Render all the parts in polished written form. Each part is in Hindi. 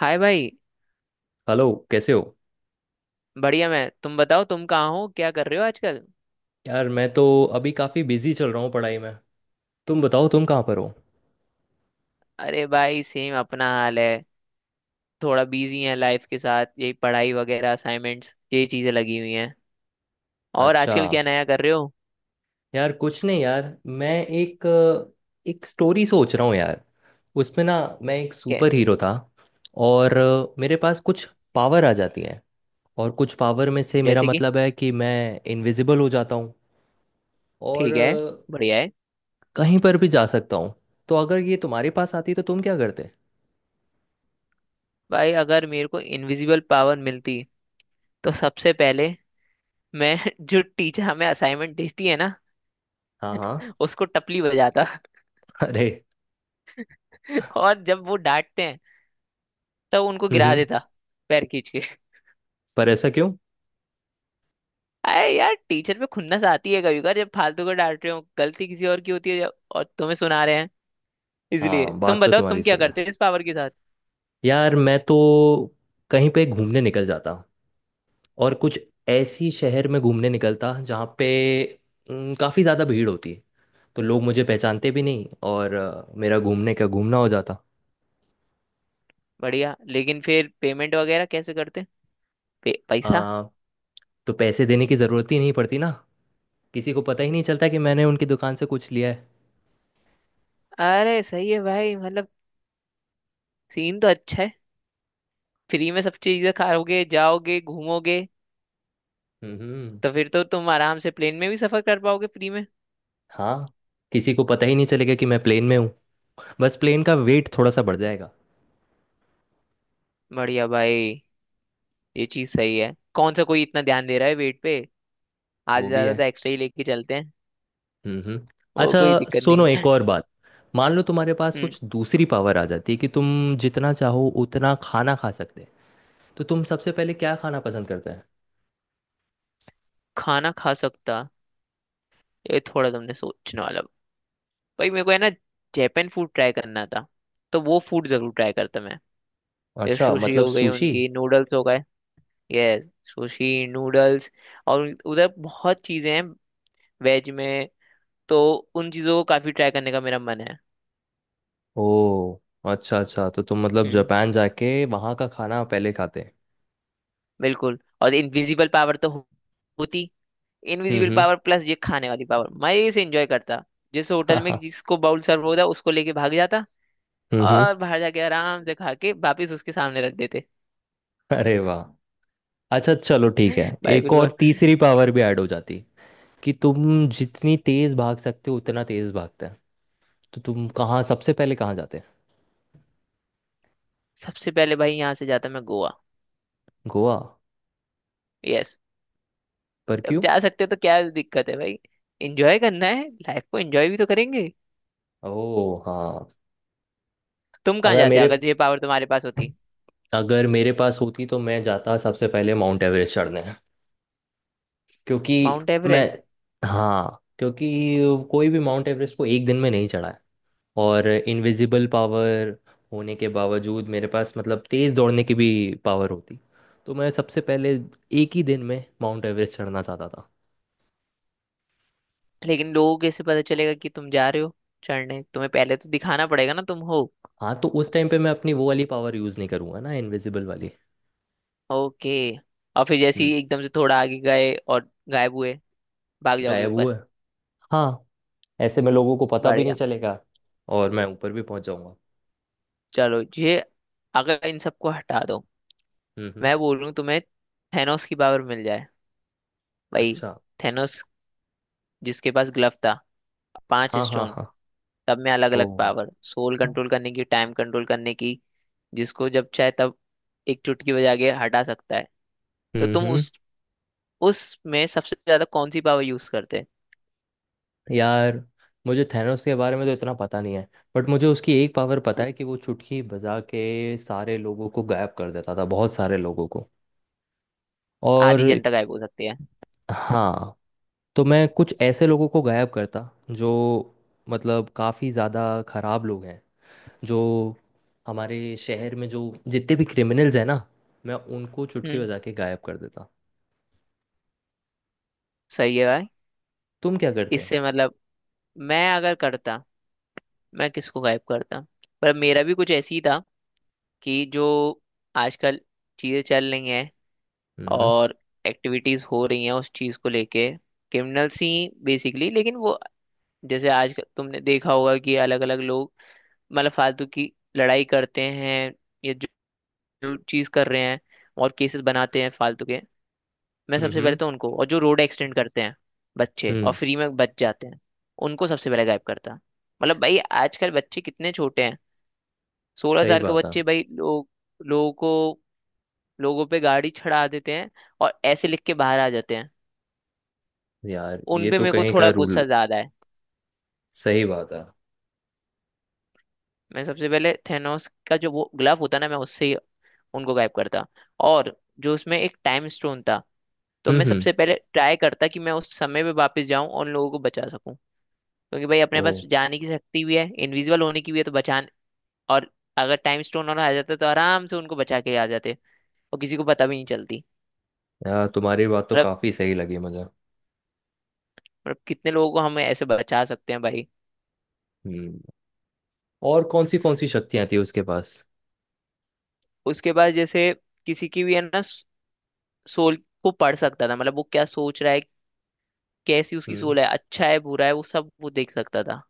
हाय भाई। हेलो, कैसे हो? बढ़िया। मैं तुम बताओ, तुम कहाँ हो, क्या कर रहे हो आजकल। यार मैं तो अभी काफ़ी बिजी चल रहा हूँ पढ़ाई में। तुम बताओ, तुम कहाँ पर हो? अरे भाई सेम अपना हाल है। थोड़ा बिजी है लाइफ के साथ, यही पढ़ाई वगैरह, असाइनमेंट्स, यही चीजें लगी हुई हैं। और अच्छा। आजकल क्या नया कर रहे हो? यार कुछ नहीं यार, मैं एक एक स्टोरी सोच रहा हूँ यार। उसमें ना मैं एक क्या? सुपर हीरो था। और मेरे पास कुछ पावर आ जाती है। और कुछ पावर में से मेरा जैसे कि? मतलब है कि मैं इनविजिबल हो जाता हूँ। और ठीक है। बढ़िया है। कहीं पर भी जा सकता हूँ। तो अगर ये तुम्हारे पास आती तो तुम क्या करते? भाई अगर मेरे को इनविजिबल पावर मिलती, तो सबसे पहले मैं जो टीचर हमें असाइनमेंट देती है ना, हाँ हाँ। उसको टपली बजाता। अरे। और जब वो डांटते हैं, तब उनको गिरा हम्म। देता, पैर खींच के। पर ऐसा क्यों? अरे यार, टीचर पे खुन्नस आती है कभी कभार, जब फालतू को डांट रहे हो, गलती किसी और की होती है जब, और तुम्हें सुना रहे हैं। इसलिए हाँ, तुम बात तो बताओ, तुम्हारी तुम क्या सही है। करते इस पावर के साथ। यार मैं तो कहीं पे घूमने निकल जाता, और कुछ ऐसी शहर में घूमने निकलता जहाँ पे काफ़ी ज़्यादा भीड़ होती है। तो लोग मुझे पहचानते भी नहीं, और मेरा घूमने का घूमना हो जाता। बढ़िया, लेकिन फिर पेमेंट वगैरह कैसे करते? पैसा। आ, तो पैसे देने की ज़रूरत ही नहीं पड़ती ना। किसी को पता ही नहीं चलता कि मैंने उनकी दुकान से कुछ लिया है। अरे सही है भाई, मतलब सीन तो अच्छा है। फ्री में सब चीजें खाओगे, जाओगे, घूमोगे। हम्म। तो फिर तो तुम आराम से प्लेन में भी सफर कर पाओगे फ्री में। हाँ, किसी को पता ही नहीं चलेगा कि मैं प्लेन में हूँ। बस प्लेन का वेट थोड़ा सा बढ़ अरे, जाएगा। बढ़िया भाई। ये चीज सही है, कौन सा कोई इतना ध्यान दे रहा है वेट पे। आज वो भी ज्यादा है। तो एक्स्ट्रा ही लेके चलते हैं। हम्म। वो अच्छा, कोई दिक्कत सुनो नहीं एक है। और बात। मान लो तुम्हारे पास हम्म। कुछ दूसरी पावर आ जाती है कि तुम जितना चाहो उतना खाना खा सकते, तो तुम सबसे पहले क्या खाना पसंद करते हैं? खाना खा सकता, ये थोड़ा तुमने सोचने वाला। भाई मेरे को है ना, जापान फूड ट्राई करना था। तो वो फूड जरूर ट्राई करता मैं। ये अच्छा, सुशी मतलब हो गई, सुशी। उनकी नूडल्स हो गए। यस। Sushi noodles. और उधर बहुत चीजें हैं वेज में। तो उन चीजों को काफी ट्राई करने का मेरा मन है। ओ, अच्छा अच्छा, तो तुम मतलब हम्म। जापान जाके वहाँ का खाना पहले खाते हैं। बिल्कुल। और इनविजिबल पावर तो होती। इनविजिबल हम्म। पावर प्लस ये खाने वाली पावर मजे से एंजॉय करता। जिस हाँ होटल में हाँ, जिसको बाउल सर्व होता, उसको लेके भाग जाता। हम्म। और बाहर जाके आराम से खा के वापिस उसके सामने रख देते। अरे वाह, अच्छा चलो ठीक है। भाई एक बिल्कुल। और तीसरी पावर भी ऐड हो जाती कि तुम जितनी तेज भाग सकते हो उतना तेज भागते हैं, तो तुम कहाँ सबसे पहले कहाँ जाते हैं? सबसे पहले भाई, यहाँ से जाता मैं गोवा। गोवा, यस। पर अब क्यों? जा सकते हो तो क्या दिक्कत है भाई। एंजॉय करना है, लाइफ को एंजॉय भी तो करेंगे। ओह हाँ। तुम कहाँ अगर जाते मेरे अगर ये पावर तुम्हारे पास होती? अगर मेरे पास होती तो मैं जाता सबसे पहले माउंट एवरेस्ट चढ़ने। क्योंकि माउंट मैं, एवरेस्ट? हाँ, क्योंकि कोई भी माउंट एवरेस्ट को एक दिन में नहीं चढ़ा है। और इनविजिबल पावर होने के बावजूद मेरे पास, मतलब तेज़ दौड़ने की भी पावर होती, तो मैं सबसे पहले एक ही दिन में माउंट एवरेस्ट चढ़ना चाहता था। लेकिन लोगों कैसे पता चलेगा कि तुम जा रहे हो चढ़ने? तुम्हें पहले तो दिखाना पड़ेगा ना तुम हो। हाँ, तो उस टाइम पे मैं अपनी वो वाली पावर यूज़ नहीं करूँगा ना, इनविजिबल वाली। ओके। और फिर जैसे हम्म। ही एकदम से थोड़ा आगे गए और गायब हुए, भाग जाओगे गायब ऊपर। हुआ है। हाँ, ऐसे में लोगों को पता भी नहीं बढ़िया। चलेगा, और मैं ऊपर भी पहुंच जाऊंगा। चलो ये, अगर इन सबको हटा दो, हम्म। मैं बोल रहा हूँ तुम्हें, थेनोस की पावर मिल जाए भाई। अच्छा। थेनोस, जिसके पास ग्लव था, पांच हाँ हाँ स्टोन हाँ। सब में अलग ओ। अलग पावर, सोल कंट्रोल करने की, टाइम कंट्रोल करने की। जिसको जब चाहे तब एक चुटकी बजा के हटा सकता है। तो तुम हम्म। उस उसमें सबसे ज्यादा कौन सी पावर यूज करते? यार मुझे थैनोस के बारे में तो इतना पता नहीं है, बट मुझे उसकी एक पावर पता है कि वो चुटकी बजा के सारे लोगों को गायब कर देता था, बहुत सारे लोगों को। और आधी जनता गायब हो सकती है। हाँ, तो मैं कुछ ऐसे लोगों को गायब करता जो, मतलब काफ़ी ज़्यादा खराब लोग हैं, जो हमारे शहर में जो जितने भी क्रिमिनल्स हैं ना, मैं उनको चुटकी हम्म। बजा के गायब कर देता। सही है भाई। तुम क्या करते हैं? इससे मतलब, मैं अगर करता, मैं किसको गायब करता। पर मेरा भी कुछ ऐसी ही था, कि जो आजकल चीजें चल रही हैं हम्म और एक्टिविटीज हो रही हैं उस चीज को लेके। क्रिमिनल्स ही बेसिकली, लेकिन वो, जैसे आज तुमने देखा होगा कि अलग अलग लोग मतलब फालतू की लड़ाई करते हैं, या जो चीज कर रहे हैं, और केसेस बनाते हैं फालतू के। मैं सबसे पहले हम्म तो उनको, और जो रोड एक्सीडेंट करते हैं बच्चे और हम्म। फ्री में बच जाते हैं, उनको सबसे पहले गायब करता। मतलब भाई आजकल बच्चे कितने छोटे हैं। सोलह सही साल के बात है। बच्चे भाई, लोग लोगों को, लोगों पे गाड़ी चढ़ा देते हैं, और ऐसे लिख के बाहर आ जाते हैं। यार उन ये पे तो मेरे को कहीं का थोड़ा रूल। गुस्सा ज्यादा है। सही बात है। मैं सबसे पहले थेनोस का जो वो ग्लव होता है ना, मैं उससे ही उनको गायब करता। और जो उसमें एक टाइम स्टोन था, तो मैं हम्म। सबसे पहले ट्राई करता कि मैं उस समय पे वापस जाऊं और उन लोगों को बचा सकूं। क्योंकि भाई ओ। अपने पास जाने की शक्ति भी है, इनविजिबल होने की भी है, तो बचाने। और अगर टाइम स्टोन और आ जाता तो आराम से उनको बचा के आ जाते, और किसी को पता भी नहीं चलती। यार तुम्हारी बात तो मतलब काफी सही लगी मुझे। मतलब कितने लोगों को हम ऐसे बचा सकते हैं भाई। हम्म। और कौन सी शक्तियां थी उसके पास? उसके बाद जैसे, किसी की भी है ना, सोल को पढ़ सकता था, मतलब वो क्या सोच रहा है, कैसी उसकी हम्म। सोल है, अच्छा है, बुरा है, वो सब वो देख सकता था।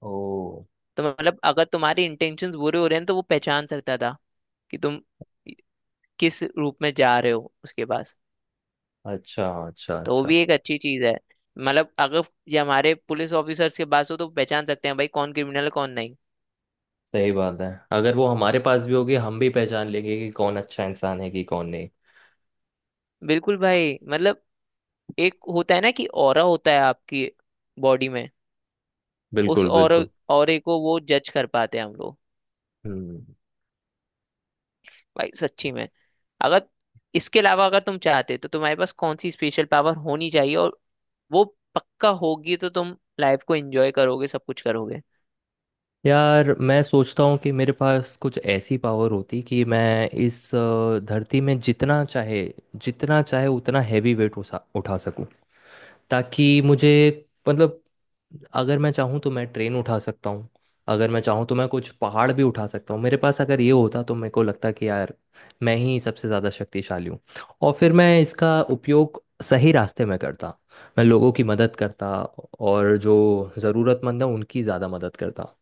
ओ। तो मतलब अगर तुम्हारे इंटेंशंस बुरे हो रहे हैं तो वो पहचान सकता था, कि तुम किस रूप में जा रहे हो उसके पास। अच्छा अच्छा तो वो अच्छा। भी एक अच्छी चीज है। मतलब अगर ये हमारे पुलिस ऑफिसर्स के पास हो तो पहचान सकते हैं भाई, कौन क्रिमिनल है, कौन नहीं। सही बात है, अगर वो हमारे पास भी होगी हम भी पहचान लेंगे कि कौन अच्छा इंसान है कि कौन नहीं। बिल्कुल भाई, मतलब एक होता है ना कि ऑरा होता है आपकी बॉडी में। उस बिल्कुल ऑरा बिल्कुल। ऑरे को वो जज कर पाते हैं हम लोग। हम्म। भाई सच्ची में। अगर इसके अलावा अगर तुम चाहते तो तुम्हारे पास कौन सी स्पेशल पावर होनी चाहिए, और वो पक्का होगी तो तुम लाइफ को एंजॉय करोगे, सब कुछ करोगे? यार मैं सोचता हूँ कि मेरे पास कुछ ऐसी पावर होती कि मैं इस धरती में जितना चाहे उतना हैवी वेट उठा उठा सकूँ। ताकि मुझे, मतलब अगर मैं चाहूँ तो मैं ट्रेन उठा सकता हूँ, अगर मैं चाहूँ तो मैं कुछ पहाड़ भी उठा सकता हूँ। मेरे पास अगर ये होता तो मेरे को लगता कि यार मैं ही सबसे ज़्यादा शक्तिशाली हूँ। और फिर मैं इसका उपयोग सही रास्ते में करता, मैं लोगों की मदद करता, और जो ज़रूरतमंद है उनकी ज़्यादा मदद करता।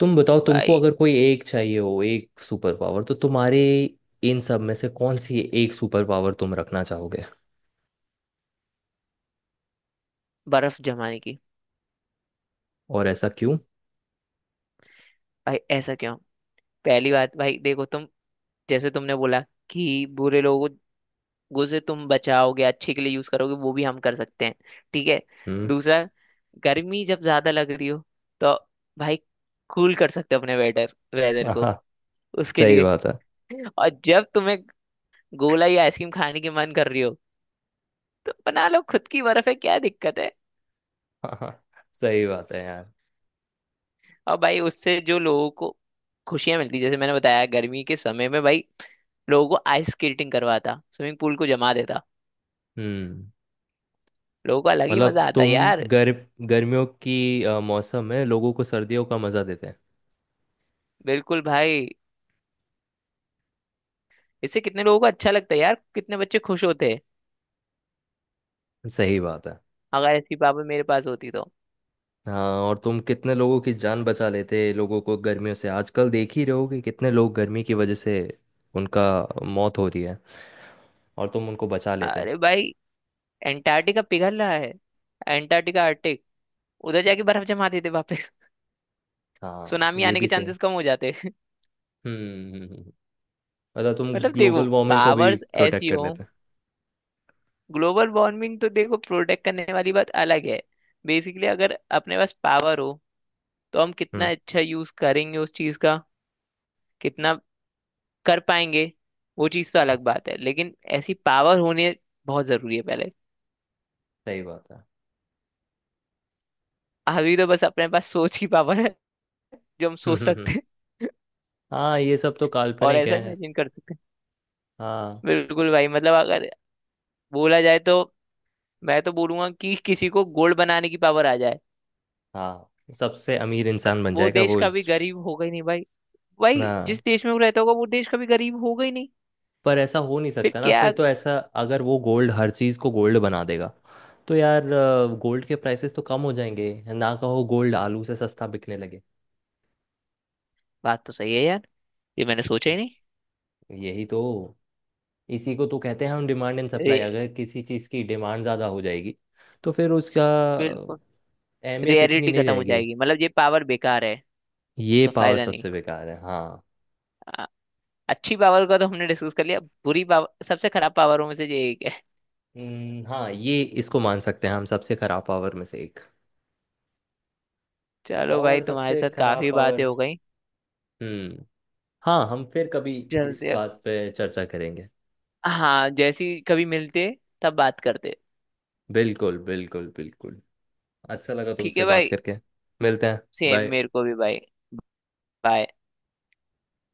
तुम बताओ, तुमको भाई अगर कोई एक चाहिए हो एक सुपर पावर, तो तुम्हारे इन सब में से कौन सी एक सुपर पावर तुम रखना चाहोगे? बर्फ जमाने की। और ऐसा क्यों? भाई ऐसा क्यों? पहली बात भाई देखो तुम, जैसे तुमने बोला कि बुरे लोगों को से तुम बचाओगे, अच्छे के लिए यूज करोगे, वो भी हम कर सकते हैं। ठीक है। हम्म। दूसरा, गर्मी जब ज्यादा लग रही हो, तो भाई, कूल कर सकते हो अपने वेदर वेदर आहा। को उसके सही लिए। बात है। और जब तुम्हें गोला या आइसक्रीम खाने की मन कर रही हो, तो बना लो खुद की, बर्फ है, क्या दिक्कत है। आहा, सही बात है यार। अब भाई, उससे जो लोगों को खुशियां मिलती, जैसे मैंने बताया, गर्मी के समय में भाई लोगों को आइस स्केटिंग करवाता, स्विमिंग पूल को जमा देता। हम्म। लोगों को अलग ही मतलब मजा आता तुम यार। गर गर्मियों की मौसम में लोगों को सर्दियों का मजा देते हैं। बिल्कुल भाई, इससे कितने लोगों को अच्छा लगता है यार, कितने बच्चे खुश होते हैं, सही बात है। अगर ऐसी पावर मेरे पास होती तो। हाँ, और तुम कितने लोगों की जान बचा लेते। लोगों को गर्मियों से आजकल देख ही रहे हो कि कितने लोग गर्मी की वजह से उनका मौत हो रही है, और तुम उनको बचा लेते हैं। अरे भाई, एंटार्क्टिका पिघल रहा है। एंटार्क्टिका, आर्टिक, उधर जाके बर्फ जमा देते वापस। हाँ, सुनामी ये आने के भी सही। चांसेस कम हो जाते। हम्म हम्म, हम्म। मतलब तुम मतलब देखो, ग्लोबल वार्मिंग को भी पावर्स प्रोटेक्ट ऐसी कर हो। लेते हैं। ग्लोबल वार्मिंग तो देखो, प्रोटेक्ट करने वाली बात अलग है। बेसिकली अगर अपने पास पावर हो, तो हम कितना हम्म अच्छा यूज करेंगे उस चीज का, कितना कर पाएंगे वो चीज तो हम्म, अलग बात है, लेकिन ऐसी पावर होने बहुत जरूरी है पहले। सही बात है। अभी तो बस अपने पास सोच की पावर है, जो हम हम्म सोच हम्म हम्म। सकते हैं। हाँ, ये सब तो और काल्पनिक ऐसा है। इमेजिन कर सकते हैं। हाँ। बिल्कुल भाई, मतलब अगर बोला जाए तो मैं तो बोलूंगा कि किसी को गोल्ड बनाने की पावर आ जाए। हाँ, सबसे अमीर इंसान बन वो जाएगा देश वो कभी इस- गरीब होगा ही नहीं भाई। भाई हाँ, जिस देश में वो रहता होगा, वो देश कभी गरीब होगा ही नहीं। पर ऐसा हो नहीं फिर सकता ना। फिर क्या? तो ऐसा, अगर वो गोल्ड हर चीज़ को गोल्ड बना देगा, तो यार गोल्ड के प्राइसेस तो कम हो जाएंगे ना। कहो गोल्ड आलू से सस्ता बिकने लगे। बात तो सही है यार, ये मैंने सोचा ही नहीं। यही तो, इसी को तो कहते हैं हम डिमांड एंड रे, सप्लाई। अगर किसी चीज़ की डिमांड ज़्यादा हो जाएगी तो फिर उसका बिल्कुल। अहमियत इतनी रेयरिटी नहीं खत्म हो रहेगी। जाएगी, मतलब ये पावर बेकार है। ये उसका पावर फायदा नहीं। सबसे बेकार है, हाँ। आ, अच्छी पावर का तो हमने डिस्कस कर लिया, बुरी पावर सबसे खराब पावरों में से ये एक है। हाँ, ये इसको मान सकते हैं हम सबसे खराब पावर में से एक। चलो भाई, और तुम्हारे सबसे साथ खराब काफी पावर, बातें हो गई, हम्म, हाँ, हम फिर कभी इस चलते अब। बात पे चर्चा करेंगे। हाँ, जैसी कभी मिलते तब बात करते। बिल्कुल बिल्कुल बिल्कुल। अच्छा लगा ठीक तुमसे है बात भाई। करके। मिलते हैं। Same bye. मेरे को भी भाई। बाय।